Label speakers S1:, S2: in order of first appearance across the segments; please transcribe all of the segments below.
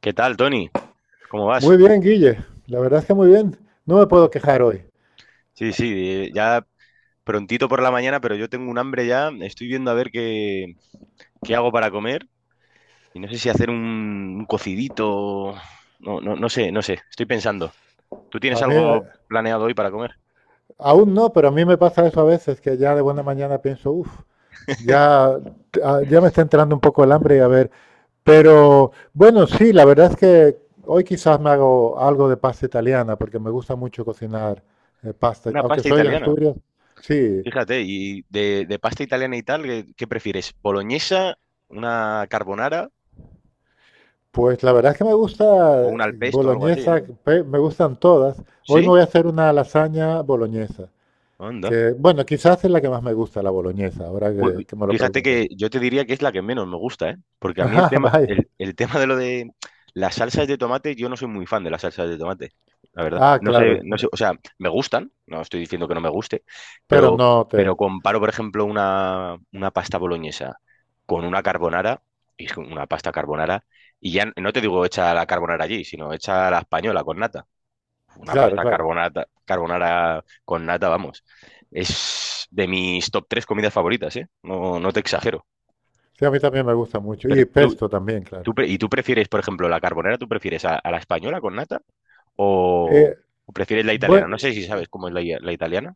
S1: ¿Qué tal, Tony? ¿Cómo
S2: Muy
S1: vas?
S2: bien, Guille. La verdad es que muy bien. No me puedo quejar hoy.
S1: Sí, sí, ya prontito por la mañana, pero yo tengo un hambre ya. Estoy viendo a ver qué hago para comer y no sé si hacer un cocidito. No, no, no sé, no sé. Estoy pensando. ¿Tú tienes
S2: A mí,
S1: algo planeado hoy para comer?
S2: aún no, pero a mí me pasa eso a veces, que ya de buena mañana pienso, uff, ya, ah, ya me está entrando un poco el hambre y a ver. Pero bueno, sí, la verdad es que hoy quizás me hago algo de pasta italiana, porque me gusta mucho cocinar pasta.
S1: Una
S2: Aunque
S1: pasta
S2: soy de
S1: italiana.
S2: Asturias, sí,
S1: Fíjate, y de pasta italiana y tal, ¿qué prefieres? ¿Boloñesa, una carbonara
S2: pues la verdad es que me
S1: o
S2: gusta,
S1: un al pesto o algo así?
S2: boloñesa,
S1: ¿No?
S2: me gustan todas. Hoy me
S1: ¿Sí?
S2: voy a hacer una lasaña boloñesa. Que, bueno, quizás es la que más me gusta, la boloñesa, ahora
S1: Ju-
S2: que me lo
S1: Fíjate
S2: preguntas.
S1: que yo te diría que es la que menos me gusta, ¿eh? Porque a mí el
S2: Ah,
S1: tema,
S2: vaya.
S1: el tema de lo de las salsas de tomate, yo no soy muy fan de las salsas de tomate, la verdad.
S2: Ah,
S1: No sé,
S2: claro.
S1: no sé, o sea, me gustan, no estoy diciendo que no me guste,
S2: Pero
S1: pero,
S2: no
S1: pero
S2: te...
S1: comparo, por ejemplo, una pasta boloñesa con una carbonara, y es que una pasta carbonara, y ya no te digo hecha la carbonara allí, sino hecha a la española con nata. Una
S2: Claro,
S1: pasta
S2: claro.
S1: carbonara con nata, vamos. Es de mis top tres comidas favoritas, ¿eh? No, no te exagero.
S2: Sí, a mí también me gusta mucho.
S1: Pero
S2: Y pesto también, claro.
S1: ¿y tú prefieres, por ejemplo, la carbonara, tú prefieres a la española con nata o,
S2: Eh,
S1: o prefieres la italiana?
S2: bueno,
S1: No sé si sabes cómo es la italiana.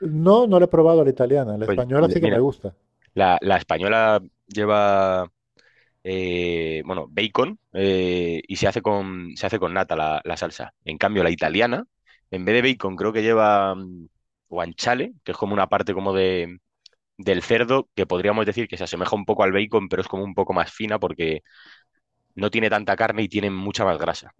S2: no, no lo he probado a la italiana. La
S1: Pues
S2: española sí que
S1: mira,
S2: me gusta.
S1: la española lleva, bueno, bacon y se hace con nata la salsa. En cambio, la italiana, en vez de bacon, creo que lleva guanciale, que es como una parte como del cerdo, que podríamos decir que se asemeja un poco al bacon, pero es como un poco más fina porque no tiene tanta carne y tiene mucha más grasa.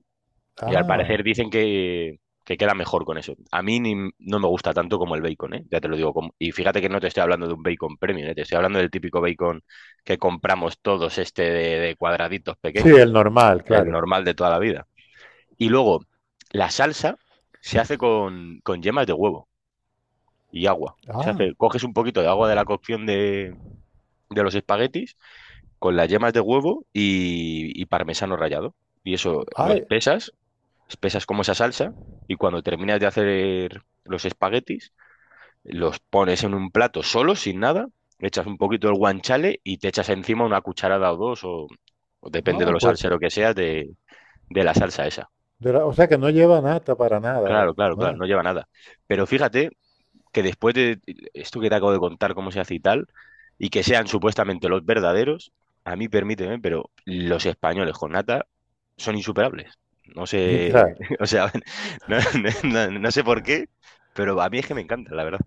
S1: Y al parecer
S2: Ah.
S1: dicen que queda mejor con eso. A mí no me gusta tanto como el bacon, ¿eh? Ya te lo digo. Y fíjate que no te estoy hablando de un bacon premium, ¿eh? Te estoy hablando del típico bacon que compramos todos, este de cuadraditos
S2: Sí, el
S1: pequeños,
S2: normal,
S1: el
S2: claro.
S1: normal de toda la vida. Y luego, la salsa se hace con yemas de huevo y agua. Se
S2: Ah,
S1: hace, coges un poquito de agua de la cocción de los espaguetis con las yemas de huevo y parmesano rallado. Y eso lo
S2: ay.
S1: espesas como esa salsa, y cuando terminas de hacer los espaguetis, los pones en un plato solo, sin nada, echas un poquito del guanciale y te echas encima una cucharada o dos, o depende de
S2: Ah,
S1: lo
S2: pues
S1: salsero que seas, de la salsa esa.
S2: o sea que no lleva nata para nada.
S1: Claro, claro, claro,
S2: Ah,
S1: no lleva nada. Pero fíjate que después de esto que te acabo de contar, cómo se hace y tal, y que sean supuestamente los verdaderos, a mí permíteme, pero los españoles con nata son insuperables. No
S2: claro.
S1: sé, o sea, no sé por qué, pero a mí es que me encanta, la verdad.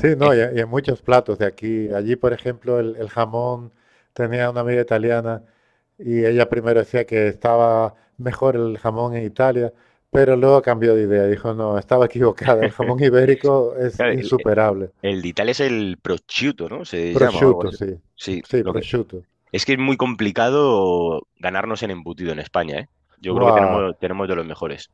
S2: Sí,
S1: Es-
S2: no, y en muchos platos de aquí. Allí, por ejemplo, el jamón, tenía una amiga italiana y ella primero decía que estaba mejor el jamón en Italia, pero luego cambió de idea. Dijo, no, estaba equivocada, el jamón ibérico es
S1: claro, el,
S2: insuperable.
S1: el de Italia es el prosciutto, ¿no? Se llama o algo
S2: Prosciutto,
S1: así.
S2: sí.
S1: Sí,
S2: Sí,
S1: lo
S2: prosciutto.
S1: que es muy complicado ganarnos en embutido en España, ¿eh? Yo creo que
S2: Guau.
S1: tenemos de los mejores.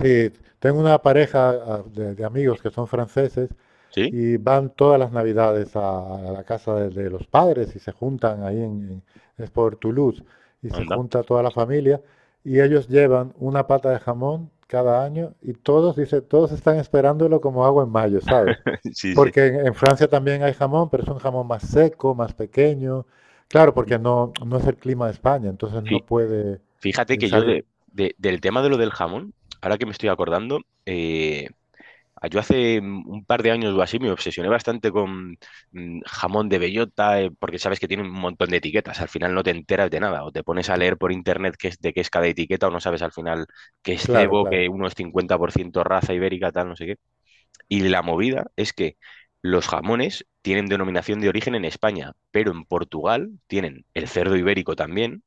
S2: Sí, tengo una pareja, ah, de amigos que son franceses
S1: ¿Sí?
S2: y van todas las navidades a la casa de los padres y se juntan ahí en, en- es por Toulouse, y se
S1: Anda.
S2: junta toda la familia y ellos llevan una pata de jamón cada año y todos, dice, todos están esperándolo como agua en mayo, ¿sabes?
S1: Sí, sí.
S2: Porque en Francia también hay jamón, pero es un jamón más seco, más pequeño. Claro, porque no, no es el clima de España, entonces no
S1: Sí,
S2: puede,
S1: fíjate que yo
S2: salir.
S1: del tema de lo del jamón, ahora que me estoy acordando, eh, yo hace un par de años o así me obsesioné bastante con jamón de bellota, porque sabes que tiene un montón de etiquetas, al final no te enteras de nada, o te pones a leer por internet qué es, de qué es cada etiqueta, o no sabes al final qué es
S2: Claro,
S1: cebo,
S2: claro.
S1: que uno es 50% raza ibérica, tal, no sé qué. Y la movida es que los jamones tienen denominación de origen en España, pero en Portugal tienen el cerdo ibérico también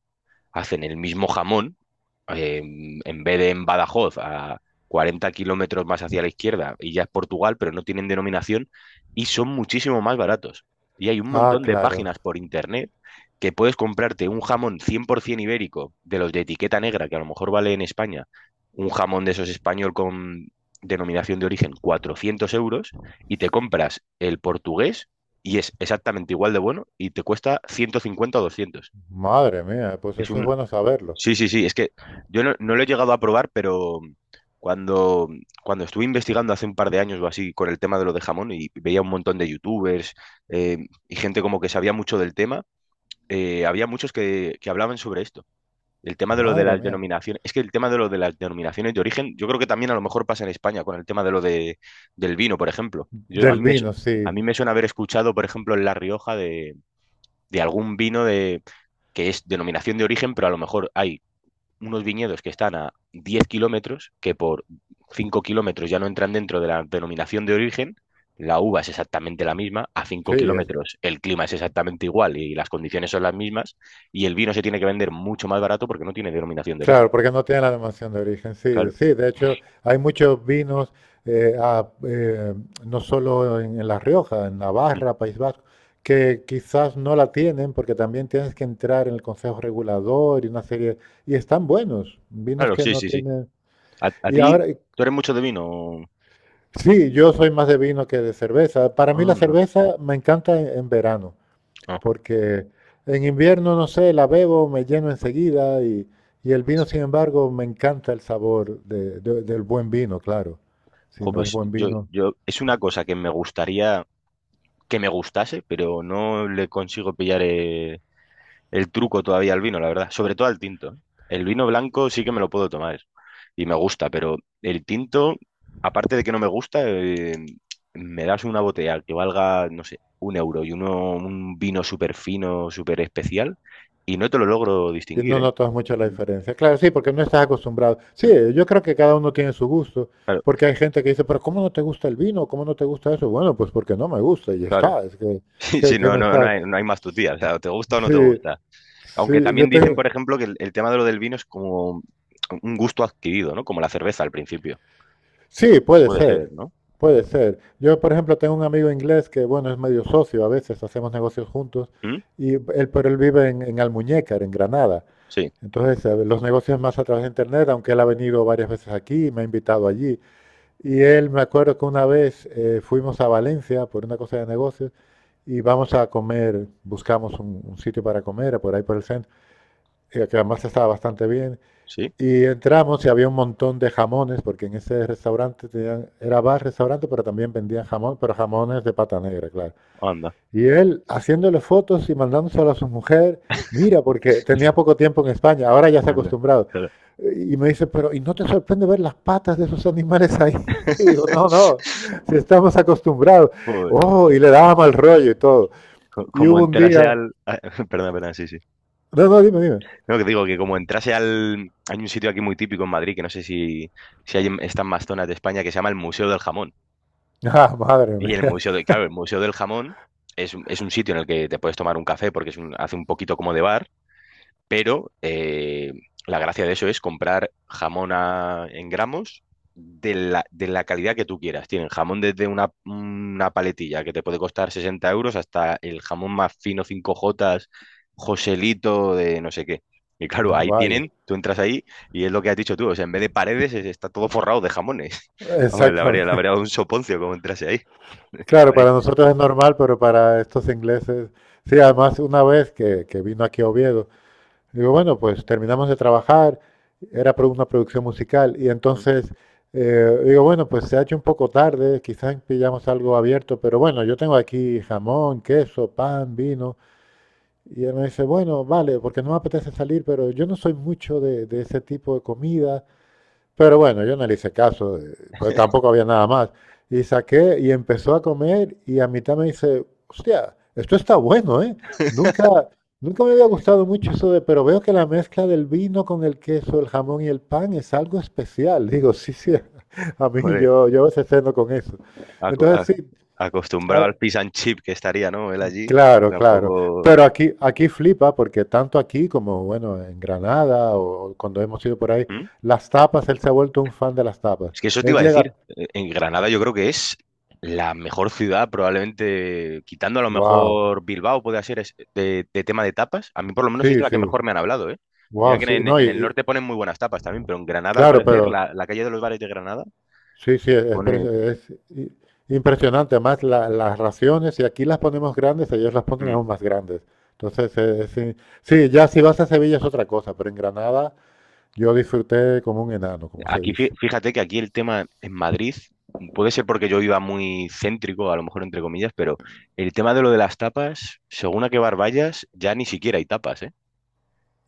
S1: hacen el mismo jamón, eh, en vez de en Badajoz, a 40 kilómetros más hacia la izquierda, y ya es Portugal, pero no tienen denominación, y son muchísimo más baratos. Y hay un
S2: Ah,
S1: montón de
S2: claro.
S1: páginas por internet que puedes comprarte un jamón 100% ibérico, de los de etiqueta negra, que a lo mejor vale en España, un jamón de esos español con denominación de origen, 400 euros, y te compras el portugués, y es exactamente igual de bueno, y te cuesta 150 o 200.
S2: Madre mía, pues
S1: Es
S2: eso es
S1: un
S2: bueno saberlo.
S1: Sí, sí, sí. Es que yo no lo he llegado a probar, pero cuando, cuando estuve investigando hace un par de años o así con el tema de lo de jamón y veía un montón de youtubers eh, y gente como que sabía mucho del tema, había muchos que hablaban sobre esto. El tema de lo de
S2: Madre
S1: las
S2: mía.
S1: denominaciones. Es que el tema de lo de las denominaciones de origen, yo creo que también a lo mejor pasa en España con el tema de lo del vino, por ejemplo. Yo, a mí
S2: Del vino, sí,
S1: a mí me suena haber escuchado, por ejemplo, en La Rioja de algún vino de, que es denominación de origen, pero a lo mejor hay unos viñedos que están a 10 kilómetros, que por 5 kilómetros ya no entran dentro de la denominación de origen, la uva es exactamente la misma, a
S2: sí,
S1: 5
S2: es,
S1: kilómetros el clima es exactamente igual y las condiciones son las mismas, y el vino se tiene que vender mucho más barato porque no tiene denominación de origen.
S2: claro, porque no tiene la denominación de origen, sí,
S1: Claro.
S2: sí, de hecho hay muchos vinos, eh, a- eh, no solo en La Rioja, en
S1: Mm.
S2: Navarra, País Vasco, que quizás no la tienen porque también tienes que entrar en el Consejo Regulador y una serie, y están buenos, vinos
S1: Claro,
S2: que
S1: sí,
S2: no
S1: sí, sí.
S2: tienen.
S1: ¿A, a
S2: Y
S1: ti,
S2: ahora,
S1: Tú eres mucho de vino?
S2: sí, yo soy más de vino que de cerveza, para mí
S1: Ah,
S2: la
S1: no.
S2: cerveza me encanta en verano.
S1: Ah.
S2: Porque en invierno, no sé, la bebo, me lleno enseguida, y el vino, sin embargo, me encanta el sabor del buen vino, claro. Si
S1: Jo,
S2: no es
S1: pues
S2: buen
S1: yo,
S2: vino,
S1: yo, es una cosa que me gustaría que me gustase, pero no le consigo pillar el truco todavía al vino, la verdad. Sobre todo al tinto. ¿Eh? El vino blanco sí que me lo puedo tomar y me gusta, pero el tinto, aparte de que no me gusta, me das una botella que valga, no sé, un euro y uno, un vino súper fino, súper especial, y no te lo logro
S2: y
S1: distinguir,
S2: no
S1: ¿eh?
S2: notas mucho la
S1: Mm.
S2: diferencia. Claro, sí, porque no estás acostumbrado. Sí,
S1: Mm,
S2: yo creo que cada uno tiene su gusto,
S1: claro,
S2: porque hay gente que dice, pero ¿cómo no te gusta el vino? ¿Cómo no te gusta eso? Bueno, pues porque no me gusta y ya
S1: claro.
S2: está, es
S1: Sí, sí,
S2: que
S1: no,
S2: me
S1: no, no
S2: está...
S1: hay, no hay más tu tía. O sea, o te gusta o no te
S2: Sí,
S1: gusta. Aunque
S2: sí, yo
S1: también dicen,
S2: tengo...
S1: por ejemplo, que el tema de lo del vino es como un gusto adquirido, ¿no? Como la cerveza al principio.
S2: Sí, puede
S1: Puede ser,
S2: ser,
S1: ¿no?
S2: puede ser. Yo, por ejemplo, tengo un amigo inglés que, bueno, es medio socio, a veces hacemos negocios juntos,
S1: ¿Mm?
S2: y él, pero él vive en Almuñécar, en Granada.
S1: Sí,
S2: Entonces, los negocios más a través de Internet, aunque él ha venido varias veces aquí, me ha invitado allí. Y él, me acuerdo que una vez, fuimos a Valencia por una cosa de negocios y vamos a comer, buscamos un sitio para comer, por ahí por el centro, que además estaba bastante bien.
S1: sí.
S2: Y entramos y había un montón de jamones, porque en ese restaurante era bar, restaurante, pero también vendían jamón, pero jamones de pata negra, claro.
S1: Anda,
S2: Y él haciéndole fotos y mandándoselo a su mujer, mira, porque tenía poco tiempo en España, ahora ya se ha
S1: anda.
S2: acostumbrado.
S1: Claro.
S2: Y me dice, pero ¿y no te sorprende ver las patas de esos animales ahí? Y digo, no, no, si estamos acostumbrados.
S1: Joder.
S2: Oh, y le daba mal rollo y todo. Y
S1: Como
S2: hubo un
S1: entrase
S2: día,
S1: al. Perdón, perdón, sí, sí.
S2: no, no, dime, dime.
S1: No, que digo que como entrase al. Hay un sitio aquí muy típico en Madrid, que no sé si hay están más zonas de España, que se llama el Museo del Jamón.
S2: Ah, madre
S1: Y el
S2: mía,
S1: Museo de Claro, el Museo del Jamón es, es un sitio en el que te puedes tomar un café porque es hace un poquito como de bar. Pero la gracia de eso es comprar jamón en gramos de la calidad que tú quieras. Tienen jamón desde una paletilla que te puede costar 60 euros hasta el jamón más fino cinco jotas, Joselito de no sé qué. Y claro, ahí
S2: vaya,
S1: tienen, tú entras ahí y es lo que has dicho tú, o sea, en vez de paredes está todo forrado de jamones. Hombre, le habría, le
S2: exactamente.
S1: habría dado un soponcio como entrase ahí.
S2: Claro,
S1: ¿Sabría?
S2: para nosotros es normal, pero para estos ingleses, sí, además una vez que vino aquí a Oviedo, digo, bueno, pues terminamos de trabajar, era una producción musical, y entonces, digo, bueno, pues se ha hecho un poco tarde, quizás pillamos algo abierto, pero bueno, yo tengo aquí jamón, queso, pan, vino, y él me dice, bueno, vale, porque no me apetece salir, pero yo no soy mucho de ese tipo de comidas. Pero bueno, yo no le hice caso, pues tampoco había nada más. Y saqué y empezó a comer y a mitad me dice, hostia, esto está bueno, ¿eh? Nunca, nunca me había gustado mucho eso de, pero veo que la mezcla del vino con el queso, el jamón y el pan es algo especial. Digo, sí, sí, a mí
S1: Hombre,
S2: yo, yo a veces ceno con eso.
S1: aco- a-
S2: Entonces sí,
S1: acostumbrado
S2: hay,
S1: al fish and chip que estaría, ¿no? Él allí,
S2: claro, claro.
S1: tampoco.
S2: Pero aquí, aquí flipa porque tanto aquí como, bueno, en Granada o cuando hemos ido por ahí,
S1: ¿Mm?
S2: las tapas, él se ha vuelto un fan de las tapas.
S1: Es que eso te
S2: Él
S1: iba a
S2: llega,
S1: decir. En Granada yo creo que es la mejor ciudad, probablemente, quitando a lo
S2: wow,
S1: mejor Bilbao, puede ser de tema de tapas. A mí por lo menos es de
S2: sí,
S1: la que
S2: sí,
S1: mejor me han hablado, ¿eh? Mira
S2: wow,
S1: que
S2: sí.
S1: en,
S2: No, y,
S1: en el norte ponen muy buenas tapas también, pero en Granada, al
S2: claro,
S1: parecer,
S2: pero
S1: la calle de los bares de Granada
S2: sí, sí, es,
S1: pone.
S2: impresionante. Además, las raciones, y aquí las ponemos grandes, ellos las ponen
S1: mm,
S2: aún más grandes. Entonces, sí, sí, ya si vas a Sevilla es otra cosa, pero en Granada yo disfruté como un enano, como se
S1: Aquí,
S2: dice.
S1: fíjate que aquí el tema en Madrid, puede ser porque yo iba muy céntrico, a lo mejor entre comillas, pero el tema de lo de las tapas, según a qué bar vayas, ya ni siquiera hay tapas, ¿eh?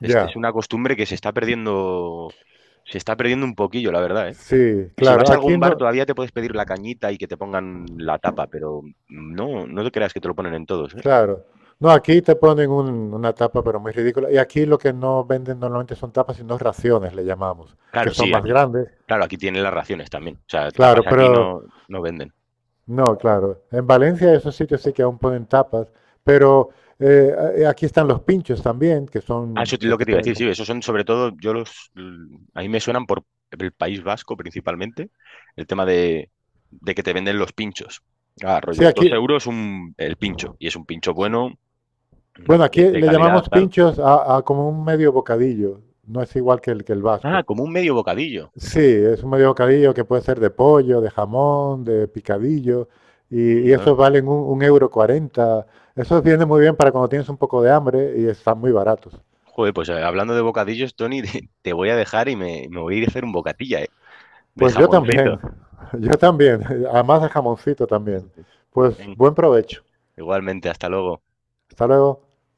S1: Es
S2: Ya.
S1: una costumbre que se está perdiendo un poquillo, la verdad, ¿eh?
S2: Sí,
S1: Si vas
S2: claro,
S1: a
S2: aquí
S1: algún bar
S2: no,
S1: todavía te puedes pedir la cañita y que te pongan la tapa, pero no, no te creas que te lo ponen en todos, ¿eh?
S2: claro. No, aquí te ponen una tapa, pero muy ridícula. Y aquí lo que no venden normalmente son tapas, sino raciones, le llamamos, que
S1: Claro,
S2: son
S1: sí,
S2: más
S1: aquí.
S2: grandes.
S1: Claro, aquí tienen las raciones también. O sea,
S2: Claro,
S1: tapas aquí
S2: pero
S1: no, no venden.
S2: no, claro. En Valencia esos sitios sí que aún ponen tapas, pero aquí están los pinchos también, que
S1: Ah, eso
S2: son,
S1: es
S2: que
S1: lo que
S2: te
S1: te iba a
S2: ponen
S1: decir,
S2: como...
S1: sí, esos son sobre todo, a mí me suenan por el País Vasco principalmente, el tema de que te venden los pinchos. Ah,
S2: Sí,
S1: rollo,
S2: aquí,
S1: 2 euros el pincho, y es un pincho bueno,
S2: bueno, aquí
S1: de
S2: le
S1: calidad,
S2: llamamos
S1: tal.
S2: pinchos a como un medio bocadillo. No es igual que el
S1: Ah,
S2: vasco.
S1: como un medio bocadillo.
S2: Sí, es un medio bocadillo que puede ser de pollo, de jamón, de picadillo, y
S1: Anda.
S2: esos valen un euro cuarenta. Esos viene muy bien para cuando tienes un poco de hambre y están muy baratos.
S1: Joder, pues hablando de bocadillos, Tony, te voy a dejar y me voy a ir a hacer un bocatilla, de
S2: Pues yo también,
S1: jamoncito.
S2: yo también, además de jamoncito también. Pues
S1: Ven,
S2: buen provecho.
S1: igualmente, hasta luego.
S2: Hasta luego.